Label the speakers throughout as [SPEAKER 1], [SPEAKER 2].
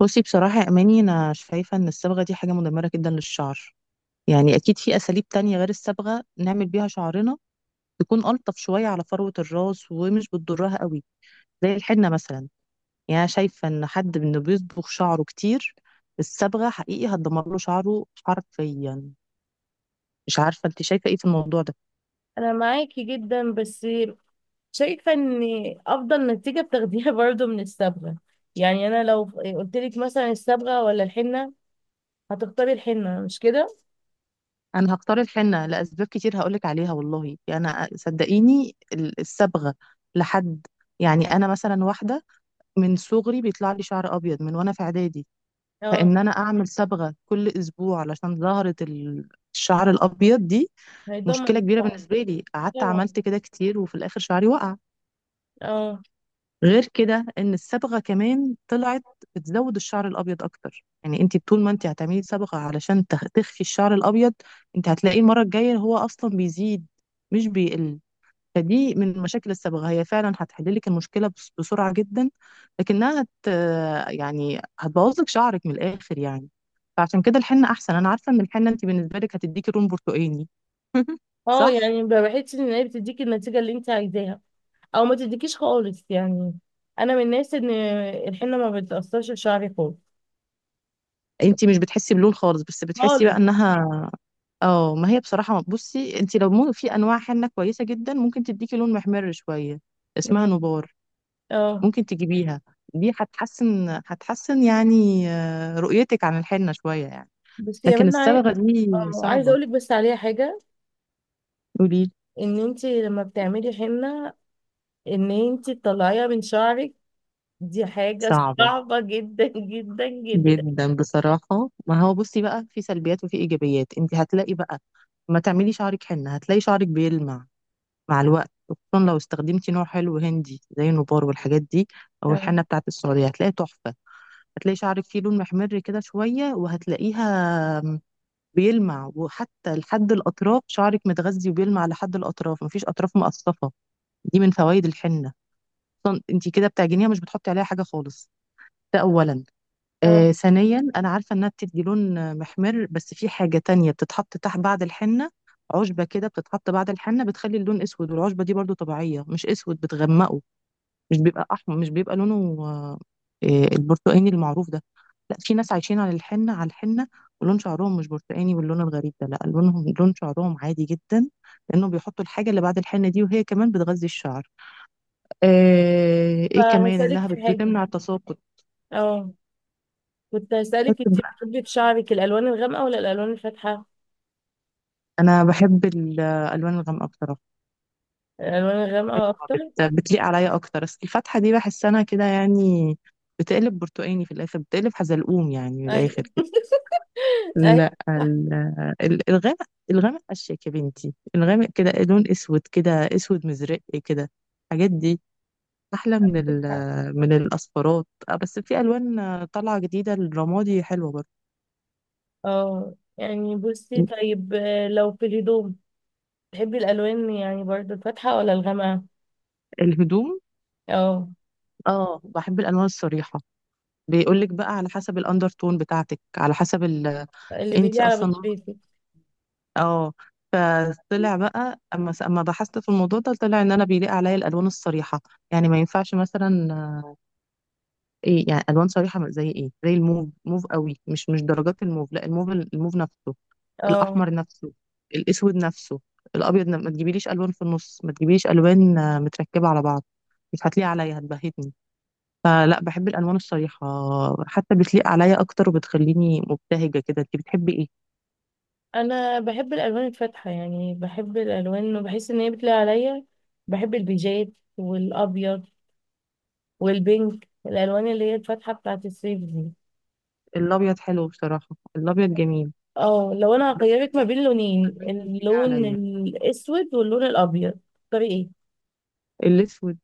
[SPEAKER 1] بصي، بصراحة يا أماني، أنا شايفة إن الصبغة دي حاجة مدمرة جدا للشعر. يعني أكيد في أساليب تانية غير الصبغة نعمل بيها شعرنا، تكون ألطف شوية على فروة الراس ومش بتضرها قوي، زي الحنة مثلا. يعني أنا شايفة إن حد إنه بيصبغ شعره كتير الصبغة حقيقي هتدمر له شعره حرفيا. مش عارفة أنت شايفة إيه في الموضوع ده.
[SPEAKER 2] انا معاكي جدا، بس شايفه ان افضل نتيجه بتاخديها برضو من الصبغه. يعني انا لو قلت لك مثلا الصبغه ولا الحنه، هتختاري الحنه، مش كده؟
[SPEAKER 1] أنا هختار الحنة لأسباب كتير هقولك عليها، والله يعني أنا صدقيني الصبغة لحد، يعني أنا مثلا واحدة من صغري بيطلع لي شعر ابيض من وانا في اعدادي.
[SPEAKER 2] اه.
[SPEAKER 1] فان انا اعمل صبغه كل اسبوع علشان ظهرت الشعر الابيض دي،
[SPEAKER 2] هيضمن
[SPEAKER 1] مشكله كبيره
[SPEAKER 2] الطعم.
[SPEAKER 1] بالنسبه لي. قعدت
[SPEAKER 2] طبعا.
[SPEAKER 1] عملت كده كتير وفي الاخر شعري وقع.
[SPEAKER 2] اه.
[SPEAKER 1] غير كده ان الصبغه كمان طلعت بتزود الشعر الابيض اكتر، يعني انت طول ما انت هتعملي صبغه علشان تخفي الشعر الابيض، انت هتلاقيه المره الجايه هو اصلا بيزيد، مش بيقل. فدي من المشاكل السابقة، هي فعلا هتحل لك المشكلة بسرعة جدا، لكنها يعني هتبوظ لك شعرك من الآخر يعني. فعشان كده الحنة أحسن. أنا عارفة إن الحنة أنت بالنسبة لك هتديكي لون برتقاني.
[SPEAKER 2] اه
[SPEAKER 1] صح؟
[SPEAKER 2] يعني بحس ان هي بتديكي النتيجه اللي انت عايزاها او ما تديكيش خالص يعني. انا من الناس ان الحنه ما بتاثرش في شعري خالص
[SPEAKER 1] أنت مش بتحسي بلون خالص، بس بتحسي بقى
[SPEAKER 2] خالص.
[SPEAKER 1] إنها. اه، ما هي بصراحة بصي أنت لو مو في أنواع حنة كويسة جدا ممكن تديكي لون محمر شوية، اسمها
[SPEAKER 2] مم.
[SPEAKER 1] نبار.
[SPEAKER 2] اه.
[SPEAKER 1] ممكن تجيبيها، دي هتحسن هتحسن يعني رؤيتك عن الحنة شوية يعني.
[SPEAKER 2] بس يا
[SPEAKER 1] لكن
[SPEAKER 2] بنت
[SPEAKER 1] الصبغة دي
[SPEAKER 2] اه عايزه
[SPEAKER 1] صعبة.
[SPEAKER 2] اقول لك بس عليها حاجه.
[SPEAKER 1] قولي.
[SPEAKER 2] ان انت لما بتعملي حنه ان انت تطلعيها من شعرك دي حاجة
[SPEAKER 1] صعبة
[SPEAKER 2] صعبة جدا جدا جدا.
[SPEAKER 1] جدا بصراحة. ما هو بصي بقى في سلبيات وفي إيجابيات، انت هتلاقي بقى ما تعملي شعرك حنة هتلاقي شعرك بيلمع مع الوقت، خصوصا لو استخدمتي نوع حلو هندي زي النبار والحاجات دي، أو
[SPEAKER 2] اه.
[SPEAKER 1] الحنة بتاعت السعودية، هتلاقي تحفة. هتلاقي شعرك فيه لون محمر كده شوية، وهتلاقيها بيلمع، وحتى لحد الأطراف شعرك متغذي وبيلمع لحد الأطراف، مفيش أطراف مقصفة. دي من فوائد الحنة. اصلا انت كده بتعجنيها مش بتحطي عليها حاجه خالص، ده أولا.
[SPEAKER 2] اه
[SPEAKER 1] ثانيا، أنا عارفة إنها بتدي لون محمر، بس في حاجة تانية بتتحط تحت بعد الحنة، عشبة كده بتتحط بعد الحنة بتخلي اللون أسود، والعشبة دي برضو طبيعية. مش أسود، بتغمقه، مش بيبقى أحمر، مش بيبقى لونه آه البرتقاني المعروف ده. لا، في ناس عايشين على الحنة على الحنة ولون شعرهم مش برتقاني واللون الغريب ده، لا، لونهم لون شعرهم عادي جدا، لأنهم بيحطوا الحاجة اللي بعد الحنة دي، وهي كمان بتغذي الشعر. إيه كمان
[SPEAKER 2] فهسألك
[SPEAKER 1] إنها
[SPEAKER 2] في حاجة.
[SPEAKER 1] بتمنع التساقط.
[SPEAKER 2] اه كنت هسألك، انت بتحبي في شعرك الألوان الغامقة ولا الألوان الفاتحة؟
[SPEAKER 1] انا بحب الالوان الغامقه بصراحه،
[SPEAKER 2] الألوان الغامقة
[SPEAKER 1] حلوة،
[SPEAKER 2] أكتر.
[SPEAKER 1] بتليق عليا اكتر. بس الفاتحه دي بحس انا كده يعني بتقلب برتقاني في الاخر، بتقلب حزلقوم يعني في
[SPEAKER 2] أي
[SPEAKER 1] الاخر كده.
[SPEAKER 2] أي،
[SPEAKER 1] لا،
[SPEAKER 2] صح.
[SPEAKER 1] الغامق، الغامق اشيك يا بنتي. الغامق كده لون اسود كده، اسود مزرق كده، الحاجات دي احلى من من الاصفرات. بس في الوان طالعه جديده، الرمادي حلوه برضه.
[SPEAKER 2] اه يعني بصي طيب، لو في الهدوم تحبي الألوان يعني برضه الفاتحة ولا الغامقة؟
[SPEAKER 1] الهدوم،
[SPEAKER 2] اه،
[SPEAKER 1] اه، بحب الالوان الصريحه. بيقولك بقى على حسب الاندر تون بتاعتك، على حسب
[SPEAKER 2] اللي
[SPEAKER 1] انت
[SPEAKER 2] بيلي على
[SPEAKER 1] اصلا.
[SPEAKER 2] بشرتك.
[SPEAKER 1] اه، فطلع بقى اما بحثت في الموضوع ده طلع ان انا بيليق عليا الالوان الصريحه. يعني ما ينفعش مثلا ايه، يعني الوان صريحه زي ايه؟ زي الموف، موف قوي، مش درجات الموف. لا، الموف الموف نفسه،
[SPEAKER 2] اه
[SPEAKER 1] الاحمر نفسه، الاسود نفسه، الابيض. ما تجيبيليش الوان في النص، ما تجيبيليش الوان متركبه على بعض، مش هتليق عليا، هتبهتني. فلا، بحب الالوان الصريحه، حتى بتليق عليا اكتر وبتخليني مبتهجه كده. انت بتحبي ايه؟
[SPEAKER 2] انا بحب الالوان الفاتحه، يعني بحب الالوان وبحس ان هي بتلاقي عليا. بحب البيجات والابيض والبينك، الالوان اللي هي الفاتحه بتاعت الصيف دي.
[SPEAKER 1] الابيض حلو بصراحه، الابيض جميل.
[SPEAKER 2] اه لو انا
[SPEAKER 1] بس
[SPEAKER 2] هخيرك ما
[SPEAKER 1] البيج،
[SPEAKER 2] بين لونين،
[SPEAKER 1] البيج مش بيليق
[SPEAKER 2] اللون
[SPEAKER 1] عليا.
[SPEAKER 2] الاسود واللون الابيض، تختاري ايه؟
[SPEAKER 1] الاسود.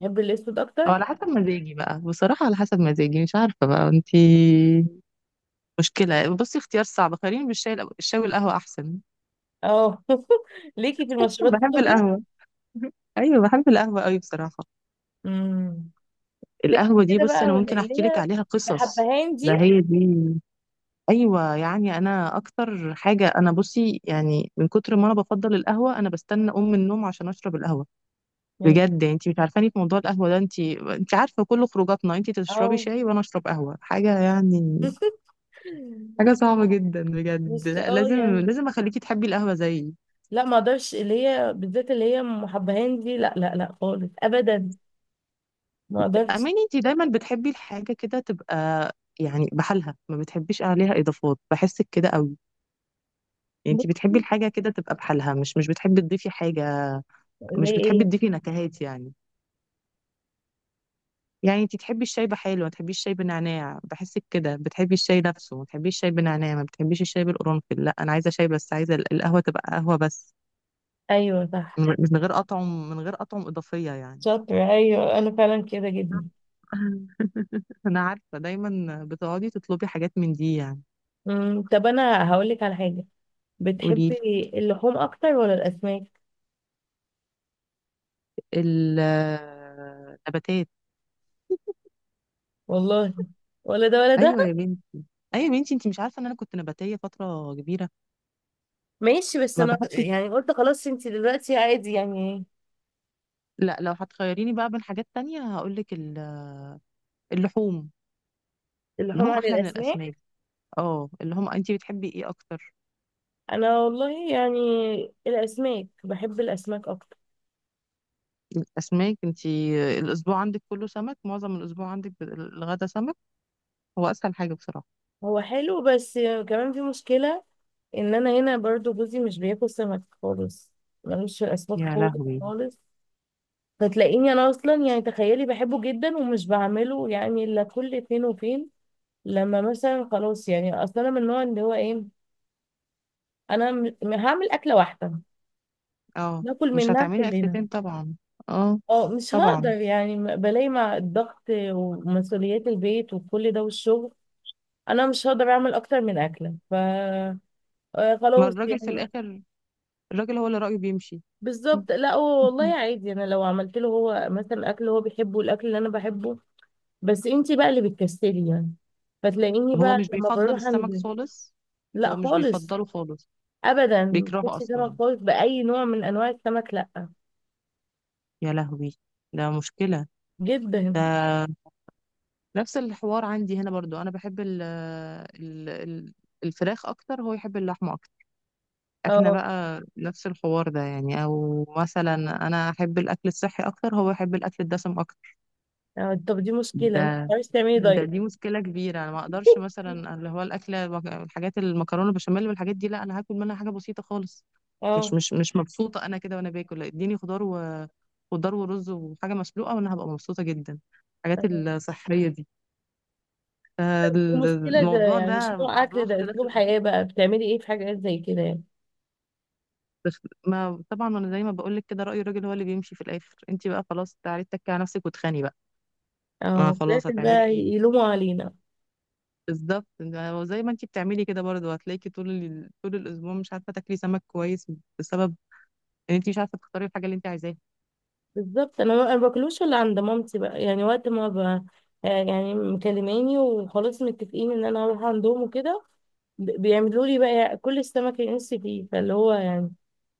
[SPEAKER 2] بحب الاسود
[SPEAKER 1] او
[SPEAKER 2] اكتر.
[SPEAKER 1] على حسب مزاجي بقى، بصراحه على حسب مزاجي. مش عارفه بقى انتي. مشكله، بصي اختيار صعب، خليني بالشاي الشاي والقهوه احسن.
[SPEAKER 2] اه ليكي في المشروبات
[SPEAKER 1] بحب
[SPEAKER 2] السخنه؟
[SPEAKER 1] القهوه. ايوه، بحب القهوه قوي بصراحه.
[SPEAKER 2] امم
[SPEAKER 1] القهوه دي
[SPEAKER 2] كده
[SPEAKER 1] بصي
[SPEAKER 2] بقى
[SPEAKER 1] انا ممكن
[SPEAKER 2] اللي
[SPEAKER 1] احكي لك
[SPEAKER 2] هي
[SPEAKER 1] عليها قصص.
[SPEAKER 2] بحبهان
[SPEAKER 1] ده
[SPEAKER 2] دي.
[SPEAKER 1] هي دي. ايوه، يعني انا اكتر حاجه انا بصي، يعني من كتر ما انا بفضل القهوه انا بستنى ام النوم عشان اشرب القهوه.
[SPEAKER 2] يلا.
[SPEAKER 1] بجد، انت مش عارفاني في موضوع القهوة ده. انت عارفة كل خروجاتنا، انت تشربي
[SPEAKER 2] اه
[SPEAKER 1] شاي وانا اشرب قهوة، حاجة يعني، حاجة صعبة جدا بجد.
[SPEAKER 2] بس
[SPEAKER 1] لا، لازم
[SPEAKER 2] يعني
[SPEAKER 1] لازم اخليكي تحبي القهوة زيي.
[SPEAKER 2] لا ما اقدرش، اللي هي بالذات اللي هي ام حبهان دي، لا لا لا، خالص ابدا، ما اقدرش.
[SPEAKER 1] اماني، انت دايما بتحبي الحاجة كده تبقى يعني بحالها، ما بتحبيش عليها اضافات، بحسك كده قوي. انت
[SPEAKER 2] بصي،
[SPEAKER 1] بتحبي الحاجة كده تبقى بحالها، مش بتحبي تضيفي حاجة،
[SPEAKER 2] زي
[SPEAKER 1] مش بتحبي
[SPEAKER 2] ايه؟
[SPEAKER 1] تضيفي نكهات يعني. يعني انت تحبي الشاي بحاله، ما تحبيش الشاي بنعناع. بحسك كده بتحبي الشاي نفسه، ما تحبيش الشاي بنعناع، ما بتحبيش الشاي بالقرنفل. لا، انا عايزه شاي بس، عايزه القهوه تبقى قهوه بس،
[SPEAKER 2] ايوه صح.
[SPEAKER 1] من غير اطعم، من غير اطعم اضافيه يعني.
[SPEAKER 2] شاطره، ايوه انا فعلا كده جدا.
[SPEAKER 1] انا عارفه دايما بتقعدي تطلبي حاجات من دي يعني.
[SPEAKER 2] طب انا هقول لك على حاجه.
[SPEAKER 1] قولي
[SPEAKER 2] بتحبي
[SPEAKER 1] لي.
[SPEAKER 2] اللحوم اكتر ولا الاسماك؟
[SPEAKER 1] النباتات.
[SPEAKER 2] والله ولا ده ولا ده.
[SPEAKER 1] ايوه يا بنتي، ايوه يا بنتي، انت مش عارفه ان انا كنت نباتيه فتره كبيره.
[SPEAKER 2] ماشي، بس
[SPEAKER 1] ما
[SPEAKER 2] انا
[SPEAKER 1] بحبش.
[SPEAKER 2] يعني قلت خلاص انت دلوقتي عادي يعني.
[SPEAKER 1] لا، لو هتخيريني بقى بين حاجات تانية هقول لك اللحوم.
[SPEAKER 2] اللحوم
[SPEAKER 1] اللحوم
[SPEAKER 2] عن
[SPEAKER 1] احلى من
[SPEAKER 2] الاسماك.
[SPEAKER 1] الاسماك. اه، اللي هم انت بتحبي ايه اكتر؟
[SPEAKER 2] انا والله يعني الاسماك، بحب الاسماك اكتر.
[SPEAKER 1] الاسماك، انت الاسبوع عندك كله سمك، معظم الاسبوع عندك الغدا سمك، هو اسهل حاجه بصراحه.
[SPEAKER 2] هو حلو، بس كمان في مشكله ان انا هنا برضو جوزي مش بياكل سمك خالص، ملوش في الاسماك
[SPEAKER 1] يا
[SPEAKER 2] خالص
[SPEAKER 1] لهوي.
[SPEAKER 2] خالص. فتلاقيني انا اصلا يعني تخيلي بحبه جدا ومش بعمله، يعني الا كل فين وفين. لما مثلا خلاص يعني اصلا انا من النوع اللي هو ايه، انا هعمل اكله واحده
[SPEAKER 1] اه،
[SPEAKER 2] ناكل
[SPEAKER 1] مش
[SPEAKER 2] منها
[SPEAKER 1] هتعملي
[SPEAKER 2] كلنا.
[SPEAKER 1] اكلتين طبعا. اه،
[SPEAKER 2] اه مش هقدر
[SPEAKER 1] طبعا.
[SPEAKER 2] يعني بلاقي مع الضغط ومسؤوليات البيت وكل ده والشغل. انا مش هقدر اعمل اكتر من اكله، ف
[SPEAKER 1] ما
[SPEAKER 2] خلاص
[SPEAKER 1] الراجل في
[SPEAKER 2] يعني.
[SPEAKER 1] الاخر، الراجل هو اللي رايه بيمشي.
[SPEAKER 2] بالظبط، لا هو والله عادي، انا لو عملت له هو مثلا اكل هو بيحبه، الاكل اللي انا بحبه. بس انتي بقى اللي بتكسلي يعني. فتلاقيني
[SPEAKER 1] هو
[SPEAKER 2] بقى
[SPEAKER 1] مش
[SPEAKER 2] لما
[SPEAKER 1] بيفضل
[SPEAKER 2] بروح
[SPEAKER 1] السمك
[SPEAKER 2] عند
[SPEAKER 1] خالص،
[SPEAKER 2] لا
[SPEAKER 1] هو مش
[SPEAKER 2] خالص
[SPEAKER 1] بيفضله خالص،
[SPEAKER 2] ابدا،
[SPEAKER 1] بيكرهه
[SPEAKER 2] بصي سمك
[SPEAKER 1] اصلا.
[SPEAKER 2] خالص باي نوع من انواع السمك، لا.
[SPEAKER 1] يا لهوي، ده مشكله.
[SPEAKER 2] جدا.
[SPEAKER 1] ده نفس الحوار عندي هنا برضو، انا بحب الفراخ اكتر، هو يحب اللحمه. احنا
[SPEAKER 2] اه
[SPEAKER 1] بقى نفس الحوار ده يعني. او مثلا انا احب الاكل الصحي اكتر، هو يحب الاكل الدسم اكتر.
[SPEAKER 2] طب دي مشكله، انت
[SPEAKER 1] ده
[SPEAKER 2] مش تعملي
[SPEAKER 1] ده
[SPEAKER 2] دايت؟
[SPEAKER 1] دي مشكله كبيره. انا ما اقدرش مثلا اللي هو الاكل الحاجات المكرونه بشاميل والحاجات دي، لا، انا هاكل منها حاجه بسيطه خالص. مش
[SPEAKER 2] اه
[SPEAKER 1] مش مش مبسوطه انا كده وانا باكل. لا، اديني خضار و خضار ورز وحاجه مسلوقه، وانا هبقى مبسوطه جدا، الحاجات
[SPEAKER 2] آه،
[SPEAKER 1] الصحيه دي.
[SPEAKER 2] دي مشكله، ده
[SPEAKER 1] الموضوع ده
[SPEAKER 2] يعني مش نوع
[SPEAKER 1] عنده
[SPEAKER 2] اكل ده،
[SPEAKER 1] اختلاف
[SPEAKER 2] اسلوب
[SPEAKER 1] الآراء.
[SPEAKER 2] حياه بقى. بتعملي ايه في حاجات زي كده يعني؟
[SPEAKER 1] بس، ما طبعا ما انا زي ما بقول لك كده رأي الراجل هو اللي بيمشي في الاخر. انت بقى خلاص تعالي اتكي على نفسك واتخاني بقى، ما
[SPEAKER 2] اه في
[SPEAKER 1] خلاص،
[SPEAKER 2] الآخر
[SPEAKER 1] هتعملي
[SPEAKER 2] بقى
[SPEAKER 1] ايه؟
[SPEAKER 2] يلوموا علينا.
[SPEAKER 1] بالظبط، زي ما انت بتعملي كده برضه هتلاقيكي طول طول الاسبوع مش عارفه تاكلي سمك كويس، بسبب ان انت مش عارفه تختاري الحاجه اللي انت عايزاها.
[SPEAKER 2] بالظبط، انا ما أنا باكلوش الا عند مامتي بقى، يعني وقت ما يعني مكلماني وخلاص متفقين ان انا هروح عندهم وكده. بيعملوا لي بقى كل السمك اللي نفسي فيه، فاللي هو يعني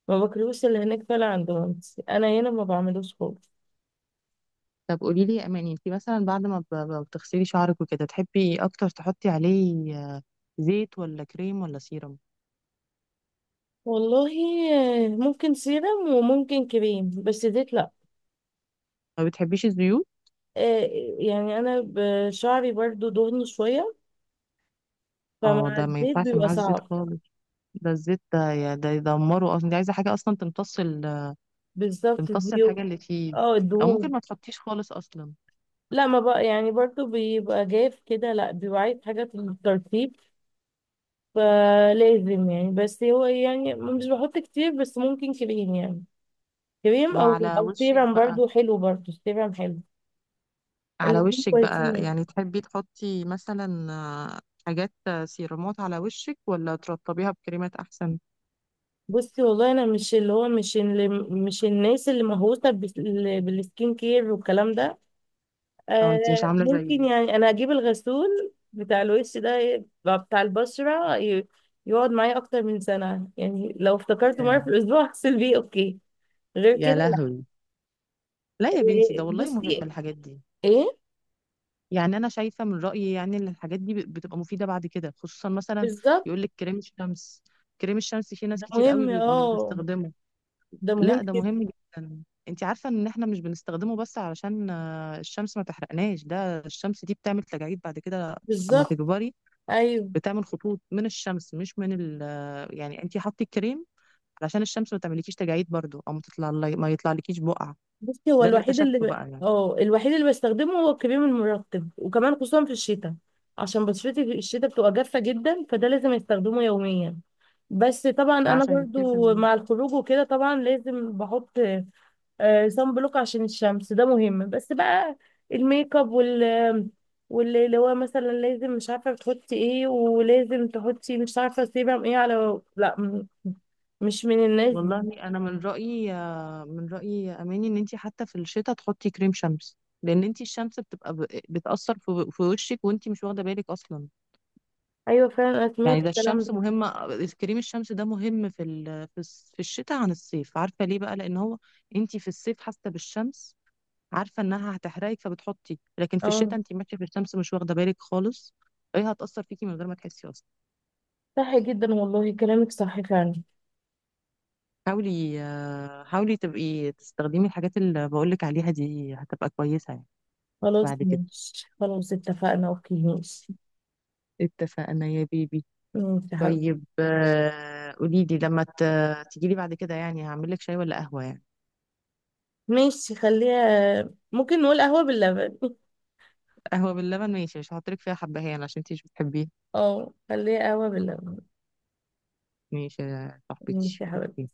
[SPEAKER 2] ما باكلوش اللي هناك، فعلا عند مامتي. انا هنا ما بعملوش خالص.
[SPEAKER 1] طب قولي لي يا اماني، انت مثلا بعد ما بتغسلي شعرك وكده، تحبي اكتر تحطي عليه زيت ولا كريم ولا سيرم؟
[SPEAKER 2] والله ممكن سيرم وممكن كريم، بس زيت لا.
[SPEAKER 1] ما بتحبيش الزيوت.
[SPEAKER 2] آه، يعني انا شعري برضو دهني شوية،
[SPEAKER 1] اه،
[SPEAKER 2] فمع
[SPEAKER 1] ده ما
[SPEAKER 2] الزيت
[SPEAKER 1] ينفعش
[SPEAKER 2] بيبقى
[SPEAKER 1] معاه الزيت
[SPEAKER 2] صعب.
[SPEAKER 1] خالص. ده الزيت ده ده يدمره اصلا. دي عايزه حاجه اصلا تمتص
[SPEAKER 2] بالظبط
[SPEAKER 1] تمتص
[SPEAKER 2] دي.
[SPEAKER 1] الحاجة اللي فيه،
[SPEAKER 2] اه
[SPEAKER 1] أو ممكن
[SPEAKER 2] الدهون.
[SPEAKER 1] ما تحطيش خالص أصلا.
[SPEAKER 2] لا ما بقى يعني برضو بيبقى جاف كده، لا بيبقى عايز حاجة في الترتيب. فلازم يعني، بس هو يعني مش بحط كتير، بس ممكن كريم يعني. كريم او
[SPEAKER 1] وعلى
[SPEAKER 2] او
[SPEAKER 1] وشك
[SPEAKER 2] سيرم
[SPEAKER 1] بقى،
[SPEAKER 2] برضو حلو، برضو سيرم حلو.
[SPEAKER 1] على
[SPEAKER 2] الاتنين
[SPEAKER 1] وشك
[SPEAKER 2] كويسين
[SPEAKER 1] بقى،
[SPEAKER 2] يعني.
[SPEAKER 1] يعني تحبي تحطي مثلا حاجات سيرامات على وشك، ولا ترطبيها بكريمات أحسن؟
[SPEAKER 2] بصي والله انا مش اللي هو مش اللي مش الناس اللي مهووسة بالسكين كير والكلام ده.
[SPEAKER 1] أو أنت مش
[SPEAKER 2] آه
[SPEAKER 1] عاملة
[SPEAKER 2] ممكن
[SPEAKER 1] زيي؟
[SPEAKER 2] يعني انا اجيب الغسول بتاع الوش ده يبقى بتاع البشرة يقعد معايا اكتر من سنة يعني، لو افتكرته مرة
[SPEAKER 1] يا
[SPEAKER 2] في الاسبوع اغسل بيه اوكي، غير
[SPEAKER 1] يا
[SPEAKER 2] كده لا.
[SPEAKER 1] لهوي. لا يا بنتي، ده والله مهم
[SPEAKER 2] بصي
[SPEAKER 1] الحاجات دي.
[SPEAKER 2] ايه؟
[SPEAKER 1] يعني أنا شايفة من رأيي، يعني إن الحاجات دي بتبقى مفيدة بعد كده، خصوصا مثلا
[SPEAKER 2] بالظبط
[SPEAKER 1] يقولك كريم الشمس. كريم الشمس في ناس
[SPEAKER 2] ده
[SPEAKER 1] كتير قوي
[SPEAKER 2] مهم.
[SPEAKER 1] مش
[SPEAKER 2] اه
[SPEAKER 1] بتستخدمه.
[SPEAKER 2] ده مهم
[SPEAKER 1] لا، ده
[SPEAKER 2] جدا.
[SPEAKER 1] مهم جدا. انت عارفة ان احنا مش بنستخدمه بس علشان الشمس ما تحرقناش، ده الشمس دي بتعمل تجاعيد بعد كده، اما
[SPEAKER 2] بالظبط
[SPEAKER 1] تكبري،
[SPEAKER 2] ايوه.
[SPEAKER 1] بتعمل خطوط من الشمس، مش من ال آه، يعني انت حطي الكريم علشان الشمس ما تعمليكيش تجاعيد برضو، او ما يطلعلكيش بقع.
[SPEAKER 2] بصي هو
[SPEAKER 1] ده اللي اكتشفته بقى يعني.
[SPEAKER 2] الوحيد اللي بستخدمه هو الكريم المرطب، وكمان خصوصا في الشتاء عشان بشرتي في الشتاء بتبقى جافة جدا فده لازم استخدمه يوميا. بس طبعا انا
[SPEAKER 1] عشان كده
[SPEAKER 2] برضو مع الخروج وكده طبعا لازم بحط صن بلوك عشان الشمس، ده مهم. بس بقى الميك اب واللي هو مثلا لازم مش عارفه بتحطي ايه ولازم تحطي مش عارفه سيبهم ايه على لا، مش من الناس دي.
[SPEAKER 1] والله انا من رأيي، من رأيي يا اماني ان انت حتى في الشتاء تحطي كريم شمس، لان انت الشمس بتبقى بتأثر في وشك وانت مش واخدة بالك اصلا.
[SPEAKER 2] ايوه فعلا انا سمعت
[SPEAKER 1] يعني ده
[SPEAKER 2] الكلام
[SPEAKER 1] الشمس
[SPEAKER 2] ده.
[SPEAKER 1] مهمة. كريم الشمس ده مهم في الشتاء عن الصيف. عارفة ليه بقى؟ لأن هو انتي في الصيف حاسة بالشمس، عارفة انها هتحرقك فبتحطي، لكن في
[SPEAKER 2] اه
[SPEAKER 1] الشتاء انتي ماشية في الشمس مش واخدة بالك خالص، ايه، هتأثر فيكي من غير ما تحسي أصلا.
[SPEAKER 2] صح جدا والله كلامك صح فعلا.
[SPEAKER 1] حاولي تبقي تستخدمي الحاجات اللي بقولك عليها دي، هتبقى كويسة يعني
[SPEAKER 2] خلاص
[SPEAKER 1] بعد كده.
[SPEAKER 2] ماشي، خلاص اتفقنا، اوكي ماشي.
[SPEAKER 1] اتفقنا يا بيبي.
[SPEAKER 2] ماشي يا حبيبي.
[SPEAKER 1] طيب قوليلي لما تجيلي بعد كده يعني هعملك شاي ولا قهوة يعني؟
[SPEAKER 2] ماشي خليها، ممكن نقول قهوه باللبن.
[SPEAKER 1] قهوة باللبن، ماشي. مش هحطلك فيها حبهان عشان انتي مش بتحبيها.
[SPEAKER 2] اه خليها قهوة باللبن.
[SPEAKER 1] ماشي يا
[SPEAKER 2] ماشي
[SPEAKER 1] صاحبتي،
[SPEAKER 2] يا حبيبتي.
[SPEAKER 1] اوكي.